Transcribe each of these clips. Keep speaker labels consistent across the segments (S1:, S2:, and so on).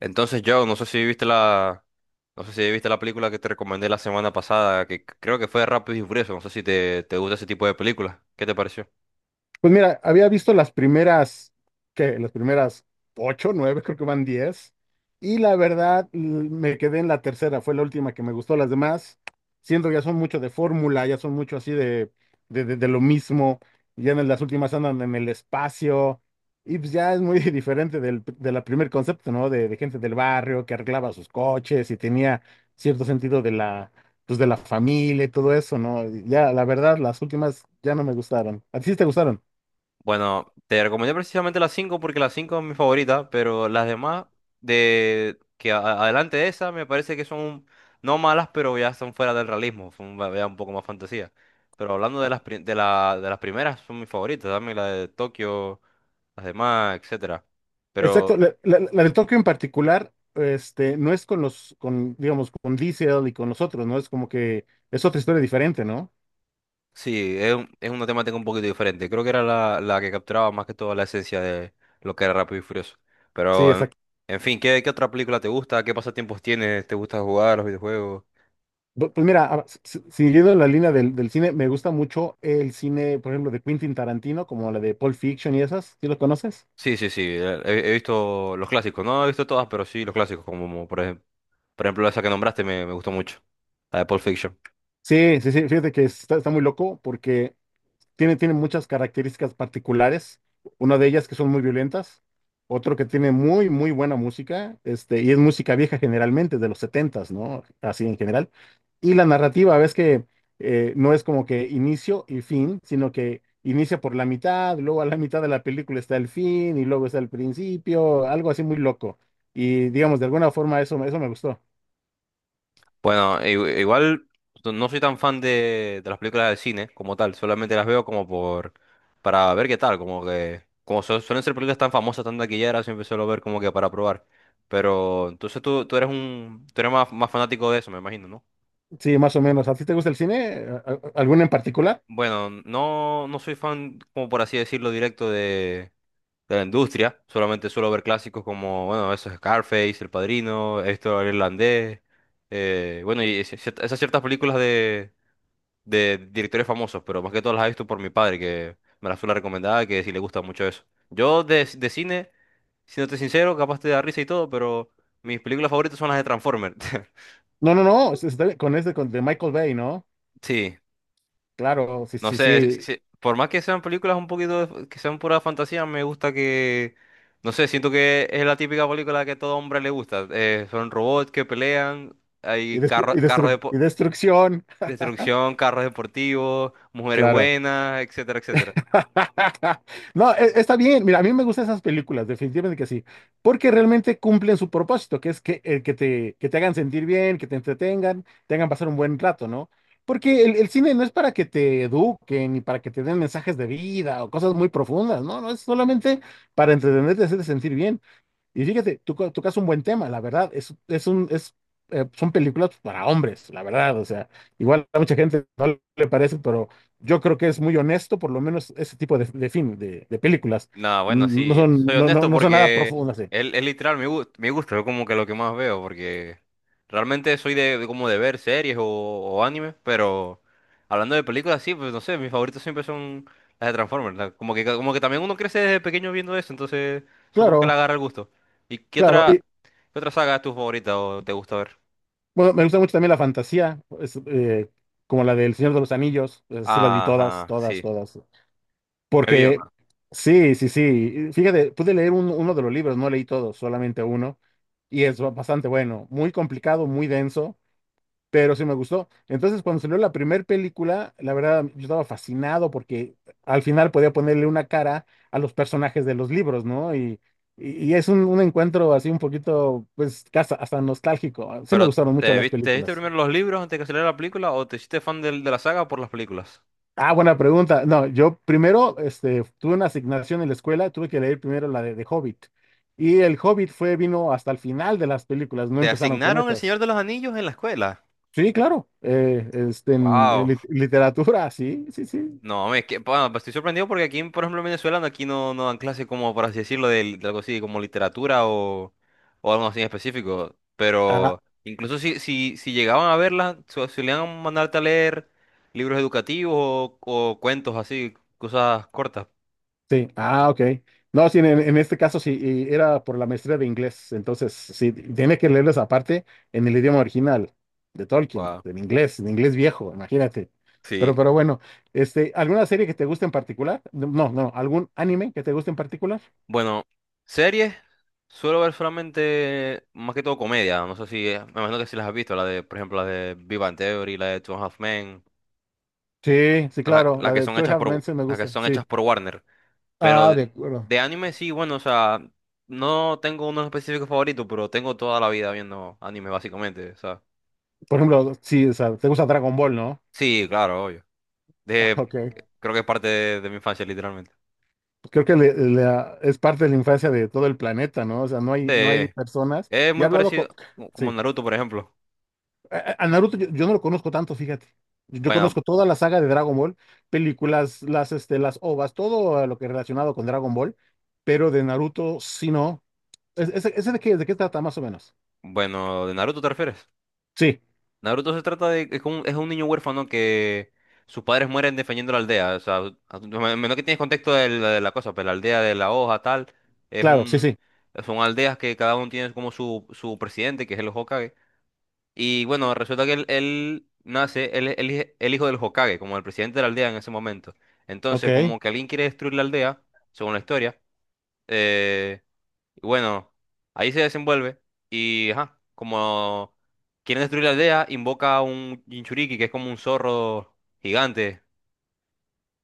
S1: Entonces, yo no sé si viste la, no sé si viste la película que te recomendé la semana pasada, que creo que fue Rápido y Furioso. No sé si te gusta ese tipo de películas. ¿Qué te pareció?
S2: Pues mira, había visto las primeras ocho, nueve, creo que van 10. Y la verdad, me quedé en la tercera, fue la última que me gustó. Las demás, siento que ya son mucho de fórmula, ya son mucho así de lo mismo. Ya en las últimas andan en el espacio. Y pues ya es muy diferente del, de la primer concepto, ¿no? De gente del barrio que arreglaba sus coches y tenía cierto sentido de la, pues de la familia y todo eso, ¿no? Ya, la verdad, las últimas ya no me gustaron. ¿A ti sí te gustaron?
S1: Bueno, te recomendé precisamente las 5 porque las 5 es mi favorita, pero las demás de que adelante de esa me parece que son no malas, pero ya son fuera del realismo, ya un poco más fantasía. Pero hablando de las pri- de la, de las primeras son mis favoritas, dame la de Tokio, las demás, etcétera.
S2: Exacto,
S1: Pero
S2: la de Tokio en particular, no es con los, con, digamos, con Diesel y con los otros, ¿no? Es como que es otra historia diferente, ¿no?
S1: sí, es una temática un poquito diferente. Creo que era la que capturaba más que todo la esencia de lo que era Rápido y Furioso.
S2: Sí,
S1: Pero,
S2: exacto.
S1: en fin, ¿ qué otra película te gusta? ¿Qué pasatiempos tienes? ¿Te gusta jugar los videojuegos?
S2: Pues mira, a- si- si, siguiendo la línea del, del cine, me gusta mucho el cine, por ejemplo, de Quentin Tarantino, como la de Pulp Fiction y esas, ¿sí lo conoces?
S1: Sí, sí, sí. He visto los clásicos. No he visto todas, pero sí los clásicos. Como por ejemplo esa que nombraste me gustó mucho. La de Pulp Fiction.
S2: Sí, sí, sí, fíjate que está muy loco porque tiene muchas características particulares, una de ellas que son muy violentas, otro que tiene muy, muy buena música, y es música vieja generalmente, de los 70s, ¿no? Así en general. Y la narrativa, ves que no es como que inicio y fin, sino que inicia por la mitad, luego a la mitad de la película está el fin y luego está el principio, algo así muy loco. Y digamos, de alguna forma eso, eso me gustó.
S1: Bueno, igual no soy tan fan de las películas de cine como tal, solamente las veo como por, para ver qué tal, como que, suelen ser películas tan famosas, tan taquilleras, siempre suelo ver como que para probar. Pero entonces tú eres tú eres más fanático de eso, me imagino, ¿no?
S2: Sí, más o menos. ¿A ti te gusta el cine? ¿Alguno en particular?
S1: Bueno, no, no soy fan, como por así decirlo, directo de la industria, solamente suelo ver clásicos como, bueno, eso es Scarface, El Padrino, esto el irlandés, bueno, esas ciertas películas de directores famosos, pero más que todo las he visto por mi padre, que me las fue la recomendada, que sí le gusta mucho eso. Yo de cine, siéndote sincero, capaz te da risa y todo, pero mis películas favoritas son las de Transformers.
S2: No, no, no, está bien, de Michael Bay, ¿no?
S1: Sí,
S2: Claro, sí,
S1: no
S2: sí,
S1: sé,
S2: sí.
S1: por más que sean películas un poquito, que sean pura fantasía, me gusta que, no sé, siento que es la típica película que a todo hombre le gusta. Son robots que pelean,
S2: Y,
S1: hay
S2: destru- y
S1: carros
S2: destru- y destrucción,
S1: destrucción, carros deportivos, mujeres
S2: claro.
S1: buenas, etcétera, etcétera.
S2: No, está bien. Mira, a mí me gustan esas películas, definitivamente que sí, porque realmente cumplen su propósito, que es que, que te hagan sentir bien, que te entretengan, te hagan pasar un buen rato, ¿no? Porque el cine no es para que te eduquen ni para que te den mensajes de vida o cosas muy profundas, no, no, es solamente para entretenerte, hacerte sentir bien. Y fíjate, tú tocas un buen tema, la verdad, son películas para hombres, la verdad, o sea, igual a mucha gente no le parece, pero yo creo que es muy honesto, por lo menos ese tipo de, de películas.
S1: No, bueno,
S2: No
S1: sí,
S2: son,
S1: soy
S2: no, no,
S1: honesto
S2: no son nada
S1: porque
S2: profundas, eh.
S1: es literal mi gusto, es como que lo que más veo, porque realmente soy de como de ver series o animes, pero hablando de películas, sí, pues no sé, mis favoritos siempre son las de Transformers, como que también uno crece desde pequeño viendo eso, entonces supongo que le
S2: Claro,
S1: agarra el gusto. ¿Y qué
S2: claro,
S1: otra,
S2: y
S1: qué otra saga es tu favorita o te gusta ver?
S2: bueno, me gusta mucho también la fantasía, es, como la del Señor de los Anillos, esas sí las vi todas,
S1: Ajá,
S2: todas,
S1: sí,
S2: todas.
S1: me vio
S2: Porque, sí, sí, sí. Fíjate, pude leer uno de los libros, no leí todos, solamente uno. Y es bastante bueno, muy complicado, muy denso, pero sí me gustó. Entonces, cuando salió la primera película, la verdad, yo estaba fascinado porque al final podía ponerle una cara a los personajes de los libros, ¿no? Y es un encuentro así un poquito, pues, casi hasta nostálgico. Sí me
S1: pero
S2: gustaron mucho las
S1: te viste
S2: películas.
S1: primero los libros antes de que saliera la película o te hiciste fan de la saga por las películas?
S2: Ah, buena pregunta. No, yo primero este, tuve una asignación en la escuela, tuve que leer primero la de Hobbit. Y el Hobbit fue, vino hasta el final de las películas, no
S1: ¿Te
S2: empezaron con
S1: asignaron el
S2: esas.
S1: Señor de los Anillos en la escuela?
S2: Sí, claro. En, en
S1: Wow.
S2: lit- literatura, sí, sí, sí.
S1: No, es que, bueno, pues estoy sorprendido porque aquí, por ejemplo, en Venezuela, aquí no, no dan clases como, por así decirlo, de algo así como literatura o algo así en específico. Pero incluso si, si, si llegaban a verlas, solían mandarte a leer libros educativos o cuentos así, cosas cortas.
S2: Sí, ah, ok. No, sí, en este caso sí, y era por la maestría de inglés, entonces sí, tiene que leerles aparte en el idioma original de Tolkien,
S1: Wow.
S2: en inglés viejo, imagínate. Pero,
S1: Sí.
S2: pero bueno, ¿alguna serie que te guste en particular? No, no, no, ¿algún anime que te guste en particular?
S1: Bueno, series, suelo ver solamente más que todo comedia. No sé si, me imagino que si las has visto, la de, por ejemplo, la de Big Bang Theory, la de Two and a Half Men,
S2: Sí, sí, claro,
S1: las
S2: la
S1: que
S2: de
S1: son
S2: Two and a
S1: hechas
S2: Half Men
S1: por,
S2: sí me
S1: las que
S2: gusta,
S1: son
S2: sí.
S1: hechas por Warner. Pero
S2: Ah, de acuerdo.
S1: de anime sí, bueno, o sea, no tengo uno específico favorito, pero tengo toda la vida viendo anime básicamente, o sea.
S2: Por ejemplo, sí, o sea, te gusta Dragon Ball, ¿no?
S1: Sí, claro, obvio.
S2: Ah,
S1: De,
S2: ok.
S1: creo que es parte de mi infancia, literalmente.
S2: Pues, creo que es parte de la infancia de todo el planeta, ¿no? O sea, no hay
S1: Sí,
S2: personas.
S1: es
S2: Y he
S1: muy
S2: hablado con...
S1: parecido, como
S2: Sí.
S1: Naruto, por ejemplo.
S2: A Naruto yo no lo conozco tanto, fíjate. Yo
S1: Bueno,
S2: conozco toda la saga de Dragon Ball, películas, las OVAs, todo lo que relacionado con Dragon Ball, pero de Naruto sí no. ¿Ese de qué trata más o menos?
S1: bueno, ¿de Naruto te refieres?
S2: Sí,
S1: Naruto se trata de... es un niño huérfano que sus padres mueren defendiendo la aldea. O sea, menos que tienes contexto de de la cosa, pero la aldea de la hoja, tal, es
S2: claro, sí,
S1: un...
S2: sí.
S1: Son aldeas que cada uno tiene como su presidente, que es el Hokage. Y bueno, resulta que él nace, él es el hijo del Hokage, como el presidente de la aldea en ese momento. Entonces,
S2: Ok.
S1: como que alguien quiere destruir la aldea, según la historia, eh, y bueno, ahí se desenvuelve y, ajá, como quieren destruir la aldea, invoca a un Jinchuriki, que es como un zorro gigante.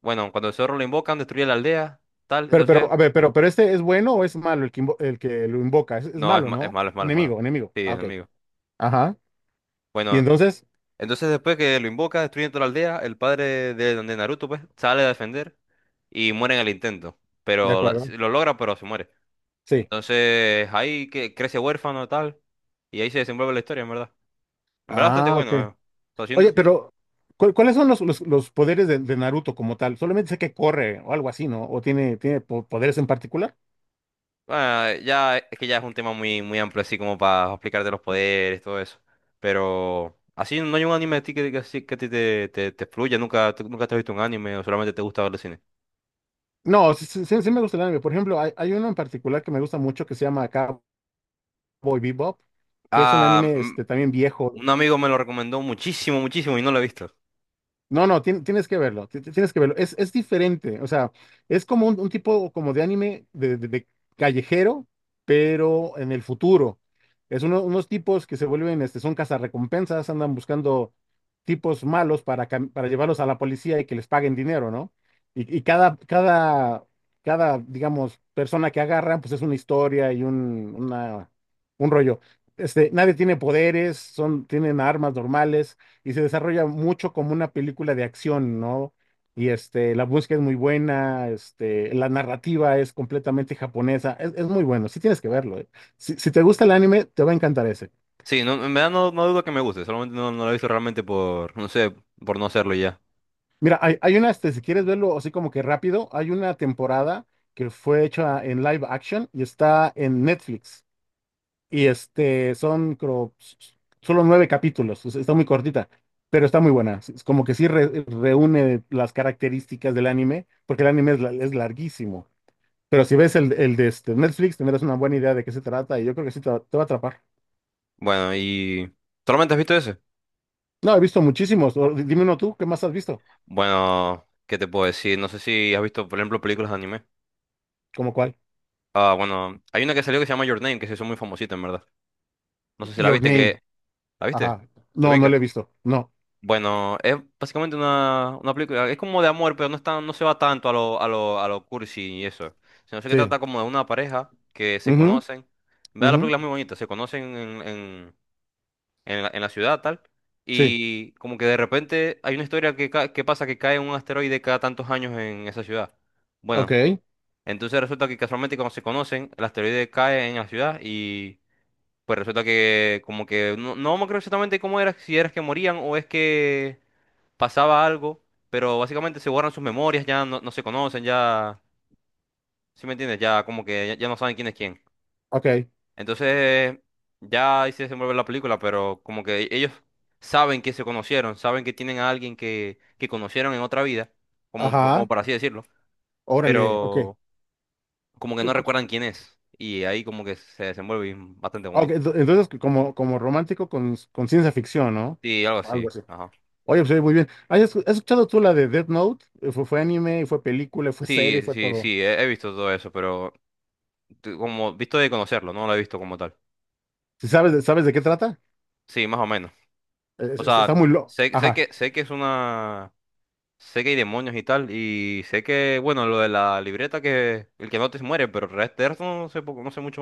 S1: Bueno, cuando el zorro lo invocan, destruye la aldea, tal, entonces...
S2: A ver, pero este es bueno o es malo el que lo invoca? Es
S1: No, es,
S2: malo,
S1: es
S2: ¿no?
S1: malo, es malo, es malo.
S2: Enemigo, enemigo.
S1: Sí, es
S2: Ah, ok.
S1: enemigo.
S2: Ajá. Y
S1: Bueno,
S2: entonces,
S1: entonces después que lo invoca, destruyen toda la aldea, el padre de Naruto, pues, sale a defender y muere en el intento.
S2: de acuerdo.
S1: Sí, lo logra, pero se muere.
S2: Sí.
S1: Entonces ahí que crece huérfano, tal, y ahí se desenvuelve la historia, en verdad. En verdad bastante
S2: Ah, ok.
S1: bueno, eh. O sea,
S2: Oye, pero ¿cuáles son los, los poderes de Naruto como tal? Solamente sé que corre o algo así, ¿no? ¿O tiene, tiene poderes en particular?
S1: Bueno, ya es que ya es un tema muy, muy amplio, así como para explicarte los poderes, todo eso. Pero así no hay un anime a ti así que a ti te fluya, nunca, tú nunca te has visto un anime o solamente te gusta ver el cine.
S2: No, sí, sí me gusta el anime. Por ejemplo, hay uno en particular que me gusta mucho que se llama Cowboy Bebop, que es un
S1: Ah,
S2: anime
S1: mm,
S2: también viejo.
S1: un amigo me lo recomendó muchísimo, muchísimo y no lo he visto.
S2: No, no, tienes que verlo, tienes que verlo. Es diferente, o sea, es como un tipo como de anime de callejero, pero en el futuro. Es unos tipos que se vuelven, son cazarrecompensas, andan buscando tipos malos para, para llevarlos a la policía y que les paguen dinero, ¿no? Y cada, cada, digamos, persona que agarran, pues es una historia y un, un rollo. Nadie tiene poderes, son, tienen armas normales y se desarrolla mucho como una película de acción, ¿no? Y la búsqueda es muy buena, la narrativa es completamente japonesa, es muy bueno, sí tienes que verlo, eh. Si te gusta el anime, te va a encantar ese.
S1: Sí, no, en verdad no, no dudo que me guste, solamente no, no lo he visto realmente por, no sé, por no hacerlo y ya.
S2: Mira, hay una, si quieres verlo así como que rápido, hay una temporada que fue hecha en live action y está en Netflix. Y son, creo, solo nueve capítulos, o sea, está muy cortita, pero está muy buena. Es como que sí reúne las características del anime, porque el anime es, es larguísimo. Pero si ves el de este Netflix, tendrás una buena idea de qué se trata y yo creo que sí te va a atrapar.
S1: Bueno, y... ¿Solamente has visto ese?
S2: No, he visto muchísimos. Dime uno tú, ¿qué más has visto?
S1: Bueno, ¿qué te puedo decir? No sé si has visto, por ejemplo, películas de anime.
S2: ¿Cómo cuál?
S1: Ah, bueno, hay una que salió que se llama Your Name, que se hizo muy famosita, en verdad. No sé si la
S2: Your
S1: viste
S2: Name.
S1: que... ¿La viste?
S2: Ajá.
S1: ¿Te
S2: No, no
S1: ubicas?
S2: lo he visto. No.
S1: Bueno, es básicamente una película... Es como de amor, pero no está, no se va tanto a lo, a lo, a lo cursi y eso. Sino que
S2: Sí.
S1: trata como de una pareja que se
S2: Ujú,
S1: conocen. En verdad la
S2: ujú,
S1: película es muy bonita. Se conocen en la ciudad, tal.
S2: sí.
S1: Y como que de repente hay una historia que, que pasa que cae un asteroide cada tantos años en esa ciudad. Bueno,
S2: Ok.
S1: entonces resulta que casualmente cuando se conocen, el asteroide cae en la ciudad pues resulta que como que no, no me acuerdo exactamente cómo era, si era que morían o es que pasaba algo, pero básicamente se borran sus memorias, ya no, no se conocen, ya, ¿sí me entiendes? Ya como que ya, ya no saben quién es quién.
S2: Ok.
S1: Entonces, ya ahí se desenvuelve la película, pero como que ellos saben que se conocieron, saben que tienen a alguien que conocieron en otra vida, como, como
S2: Ajá.
S1: para así decirlo,
S2: Órale. Ok.
S1: pero como que no recuerdan quién es. Y ahí como que se desenvuelve y bastante
S2: Ah, ok,
S1: bonito.
S2: entonces como, como romántico con ciencia ficción, ¿no?
S1: Sí, algo
S2: Algo
S1: así.
S2: así.
S1: Ajá.
S2: Oye, pues oye, muy bien. ¿Has has escuchado tú la de Death Note? Fue anime, fue película, fue serie,
S1: Sí,
S2: fue
S1: sí,
S2: todo.
S1: sí, he visto todo eso, pero como visto de conocerlo, no lo he visto como tal.
S2: ¿Sí ¿Sabes, sabes de qué trata?
S1: Sí, más o menos. O
S2: Está
S1: sea,
S2: muy loco. Ajá.
S1: sé que es una sé que hay demonios y tal y sé que bueno, lo de la libreta que el que no te muere, pero el resto no sé poco, no sé mucho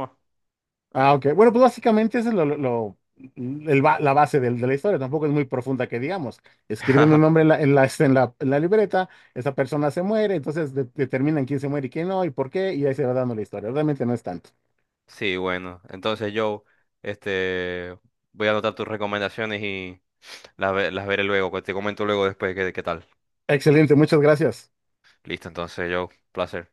S2: Ah, ok. Bueno, pues básicamente esa es la base de la historia. Tampoco es muy profunda que digamos. Escriben
S1: más.
S2: un nombre en la, en la libreta, esa persona se muere, entonces determinan quién se muere y quién no, y por qué, y ahí se va dando la historia. Realmente no es tanto.
S1: Sí, bueno, entonces yo este voy a anotar tus recomendaciones y las veré luego, que te comento luego después qué qué tal.
S2: Excelente, muchas gracias.
S1: Listo, entonces yo, placer.